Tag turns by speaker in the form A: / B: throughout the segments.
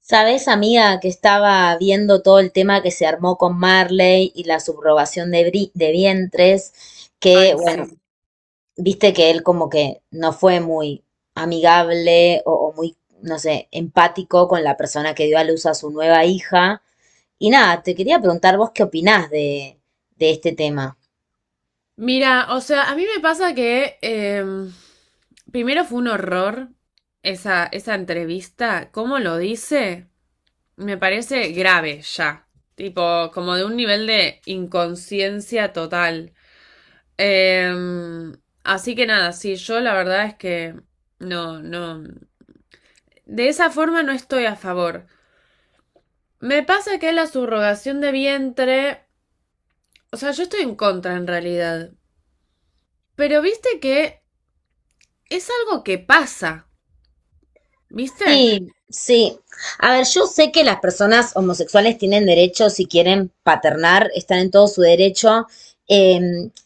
A: Sabes, amiga, que estaba viendo todo el tema que se armó con Marley y la subrogación de vientres, que,
B: Ay,
A: bueno,
B: sí.
A: viste que él como que no fue muy amigable o muy, no sé, empático con la persona que dio a luz a su nueva hija. Y nada, te quería preguntar vos qué opinás de este tema.
B: Mira, o sea, a mí me pasa que primero fue un horror esa entrevista. ¿Cómo lo dice? Me parece grave ya. Tipo, como de un nivel de inconsciencia total. Em, así que nada, sí, yo la verdad es que no. De esa forma no estoy a favor. Me pasa que la subrogación de vientre. O sea, yo estoy en contra en realidad. Pero viste que. Es algo que pasa, ¿viste?
A: Sí, sí. A ver, yo sé que las personas homosexuales tienen derecho, si quieren paternar, están en todo su derecho. Eh,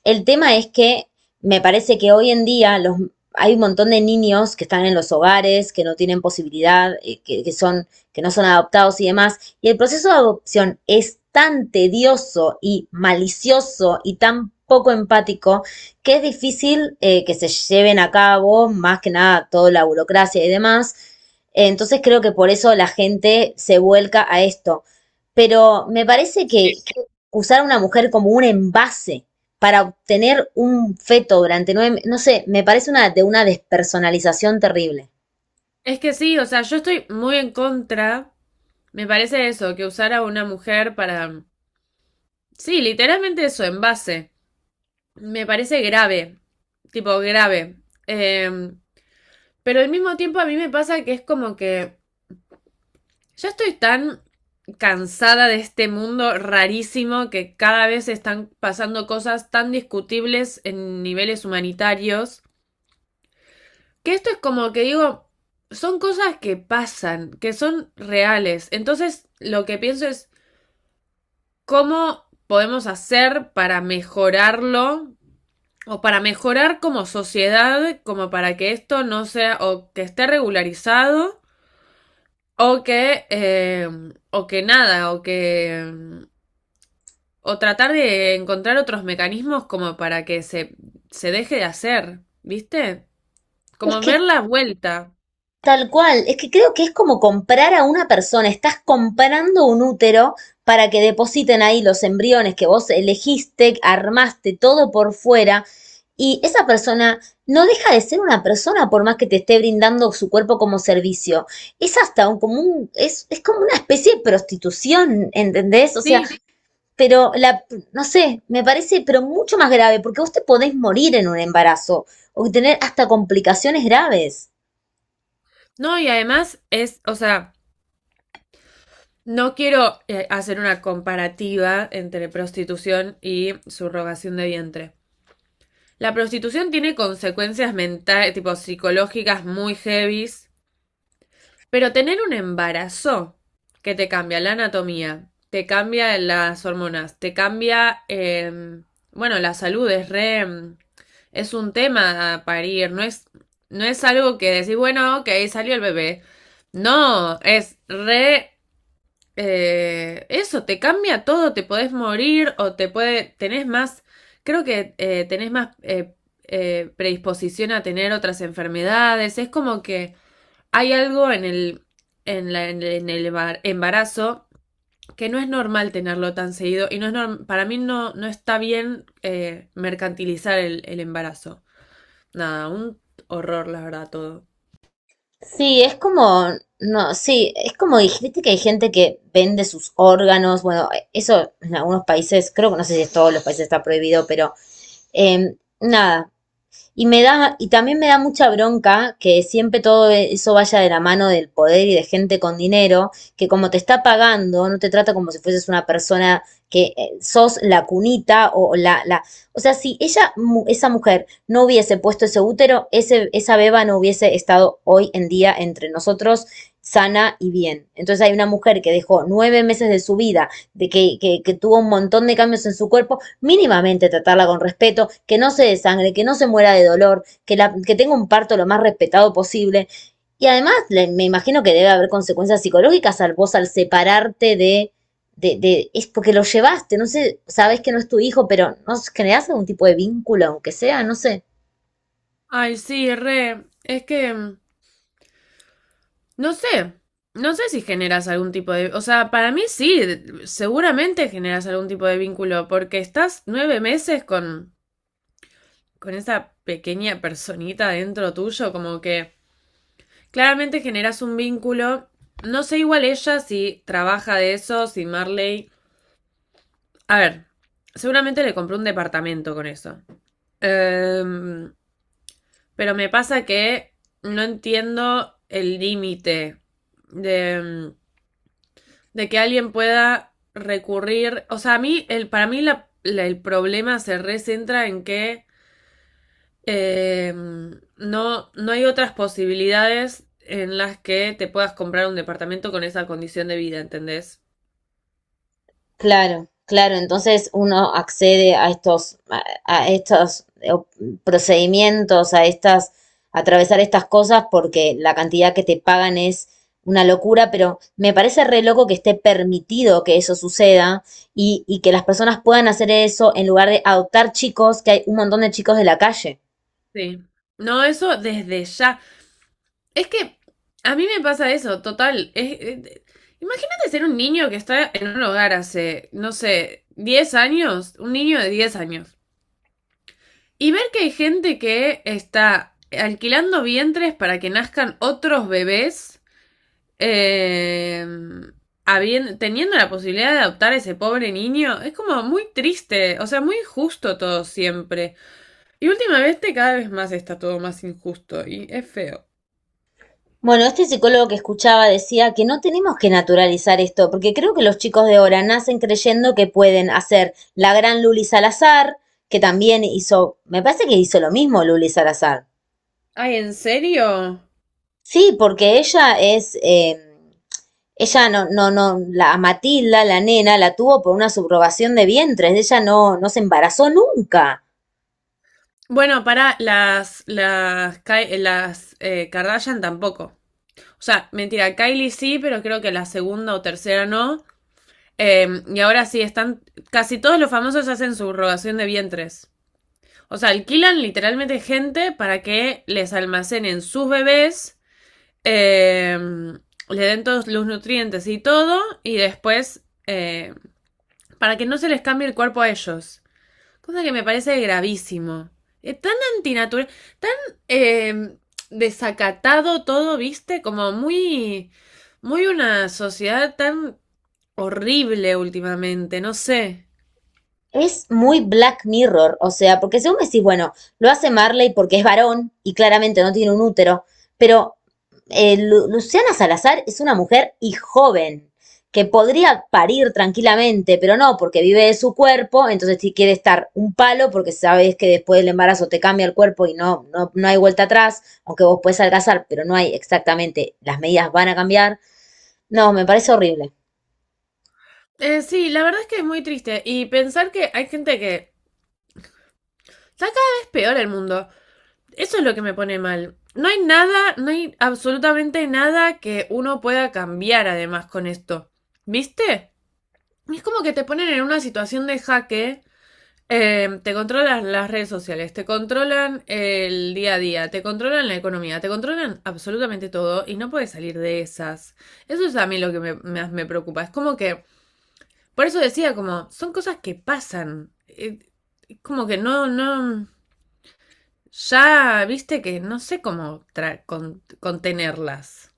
A: el tema es que me parece que hoy en día hay un montón de niños que están en los hogares, que no tienen posibilidad, que que no son adoptados y demás. Y el proceso de adopción es tan tedioso y malicioso y tan poco empático que es difícil que se lleven a cabo, más que nada toda la burocracia y demás. Entonces creo que por eso la gente se vuelca a esto. Pero me parece que,
B: Sí.
A: que usar a una mujer como un envase para obtener un feto durante nueve meses, no sé, me parece una despersonalización terrible.
B: Es que sí, o sea, yo estoy muy en contra, me parece eso, que usar a una mujer para... Sí, literalmente eso, en base. Me parece grave, tipo grave. Eh, pero al mismo tiempo a mí me pasa que es como que ya estoy tan cansada de este mundo rarísimo que cada vez están pasando cosas tan discutibles en niveles humanitarios. Que esto es como que digo, son cosas que pasan, que son reales. Entonces, lo que pienso es cómo podemos hacer para mejorarlo o para mejorar como sociedad, como para que esto no sea o que esté regularizado o que eh, o que nada o que o tratar de encontrar otros mecanismos como para que se deje de hacer, ¿viste?
A: Es
B: Como
A: que
B: ver la vuelta.
A: Tal cual, es que creo que es como comprar a una persona, estás comprando un útero para que depositen ahí los embriones que vos elegiste, armaste todo por fuera y esa persona no deja de ser una persona por más que te esté brindando su cuerpo como servicio. Es hasta un, como un- Es como una especie de prostitución, ¿entendés? O sea,
B: Sí.
A: pero no sé, me parece, pero mucho más grave porque vos te podés morir en un embarazo o tener hasta complicaciones graves.
B: No, y además es, o sea, no quiero hacer una comparativa entre prostitución y subrogación de vientre. La prostitución tiene consecuencias mentales, tipo psicológicas muy heavies, pero tener un embarazo que te cambia la anatomía, te cambia las hormonas, te cambia, bueno, la salud es re, es un tema a parir, no es, no es algo que decís, bueno, ok, salió el bebé. No, es re eso, te cambia todo, te podés morir o te puede, tenés más, creo que tenés más predisposición a tener otras enfermedades, es como que hay algo en el embarazo que no es normal tenerlo tan seguido y no es para mí no, no está bien mercantilizar el embarazo. Nada, un horror, la verdad, todo.
A: Sí, es como, no, sí, es como dijiste que hay gente que vende sus órganos, bueno, eso en algunos países, creo que no sé si en todos los países está prohibido, pero nada, y me da, y también me da mucha bronca que siempre todo eso vaya de la mano del poder y de gente con dinero, que como te está pagando, no te trata como si fueses una persona que sos la cunita o la, o sea, si ella, esa mujer no hubiese puesto ese útero, esa beba no hubiese estado hoy en día entre nosotros sana y bien. Entonces hay una mujer que dejó 9 meses de su vida, de que tuvo un montón de cambios en su cuerpo mínimamente tratarla con respeto, que no se desangre, que no se muera de dolor, que, la, que tenga un parto lo más respetado posible. Y además, le, me imagino que debe haber consecuencias psicológicas al vos al separarte de, es porque lo llevaste, no sé, sabes que no es tu hijo, pero no generás algún tipo de vínculo, aunque sea, no sé.
B: Ay, sí, re, es que... no sé, no sé si generas algún tipo de... O sea, para mí sí, seguramente generas algún tipo de vínculo, porque estás 9 meses con esa pequeña personita dentro tuyo, como que claramente generas un vínculo. No sé igual ella si trabaja de eso, si Marley... A ver, seguramente le compró un departamento con eso. Em, pero me pasa que no entiendo el límite de... de que alguien pueda recurrir. O sea, a mí, para mí el problema se recentra en que eh, no, no hay otras posibilidades en las que te puedas comprar un departamento con esa condición de vida, ¿entendés?
A: Claro, claro. Entonces uno accede a estos, a estos procedimientos, a atravesar estas cosas porque la cantidad que te pagan es una locura, pero me parece re loco que esté permitido que eso suceda y que las personas puedan hacer eso en lugar de adoptar chicos, que hay un montón de chicos de la calle.
B: Sí. No, eso desde ya. Es que a mí me pasa eso, total. Imagínate ser un niño que está en un hogar hace, no sé, 10 años, un niño de 10 años. Y ver que hay gente que está alquilando vientres para que nazcan otros bebés, eh, teniendo la posibilidad de adoptar a ese pobre niño, es como muy triste, o sea, muy injusto todo siempre. Y últimamente cada vez más está todo más injusto y es feo.
A: Bueno, este psicólogo que escuchaba decía que no tenemos que naturalizar esto, porque creo que los chicos de ahora nacen creyendo que pueden hacer la gran Luli Salazar, que también hizo, me parece que hizo lo mismo Luli Salazar.
B: Ay, ¿en serio?
A: Sí, porque ella no, no, no, la Matilda, la nena, la tuvo por una subrogación de vientres, ella no, no se embarazó nunca.
B: Bueno, para las Kardashian tampoco. O sea, mentira, Kylie sí, pero creo que la segunda o tercera no. Y ahora sí, están. Casi todos los famosos hacen su rogación de vientres. O sea, alquilan literalmente gente para que les almacenen sus bebés, eh, le den todos los nutrientes y todo, y después para que no se les cambie el cuerpo a ellos. Cosa que me parece gravísimo. Es tan antinatural, tan eh, desacatado todo, viste, como muy una sociedad tan horrible últimamente, no sé.
A: Es muy Black Mirror, o sea, porque según me decís, bueno, lo hace Marley porque es varón y claramente no tiene un útero, pero Luciana Salazar es una mujer y joven, que podría parir tranquilamente, pero no, porque vive de su cuerpo, entonces si quiere estar un palo, porque sabes que después del embarazo te cambia el cuerpo y no, no, no hay vuelta atrás, aunque vos puedes adelgazar, pero no hay exactamente, las medidas van a cambiar. No, me parece horrible.
B: Sí, la verdad es que es muy triste. Y pensar que hay gente que está cada vez peor el mundo. Eso es lo que me pone mal. No hay nada, no hay absolutamente nada que uno pueda cambiar además con esto. ¿Viste? Es como que te ponen en una situación de jaque. Te controlan las redes sociales, te controlan el día a día, te controlan la economía, te controlan absolutamente todo y no puedes salir de esas. Eso es a mí lo que me, más me preocupa. Es como que por eso decía, como, son cosas que pasan. Como que no. Ya viste que no sé cómo contenerlas.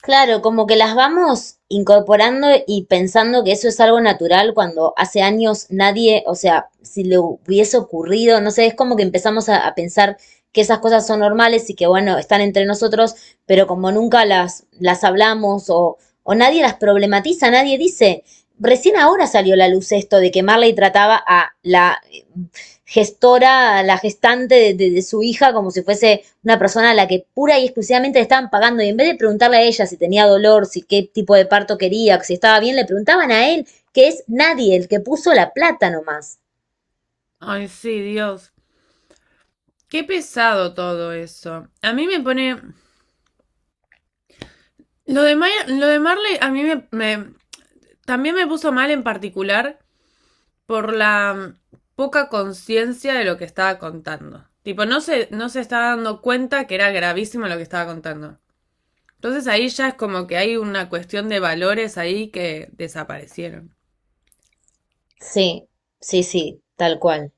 A: Claro, como que las vamos incorporando y pensando que eso es algo natural cuando hace años nadie, o sea, si le hubiese ocurrido, no sé, es como que empezamos a pensar que esas cosas son normales y que bueno, están entre nosotros, pero como nunca las hablamos o nadie las problematiza, nadie dice, recién ahora salió a la luz esto de que Marley trataba a la gestora, a la gestante de su hija como si fuese una persona a la que pura y exclusivamente le estaban pagando. Y en vez de preguntarle a ella si tenía dolor, si qué tipo de parto quería, si estaba bien, le preguntaban a él, que es nadie, el que puso la plata nomás.
B: Ay, sí, Dios. Qué pesado todo eso. A mí me pone. Lo de Marley, a mí también me puso mal en particular por la poca conciencia de lo que estaba contando. Tipo, no se estaba dando cuenta que era gravísimo lo que estaba contando. Entonces ahí ya es como que hay una cuestión de valores ahí que desaparecieron.
A: Sí, sí, sí, tal cual.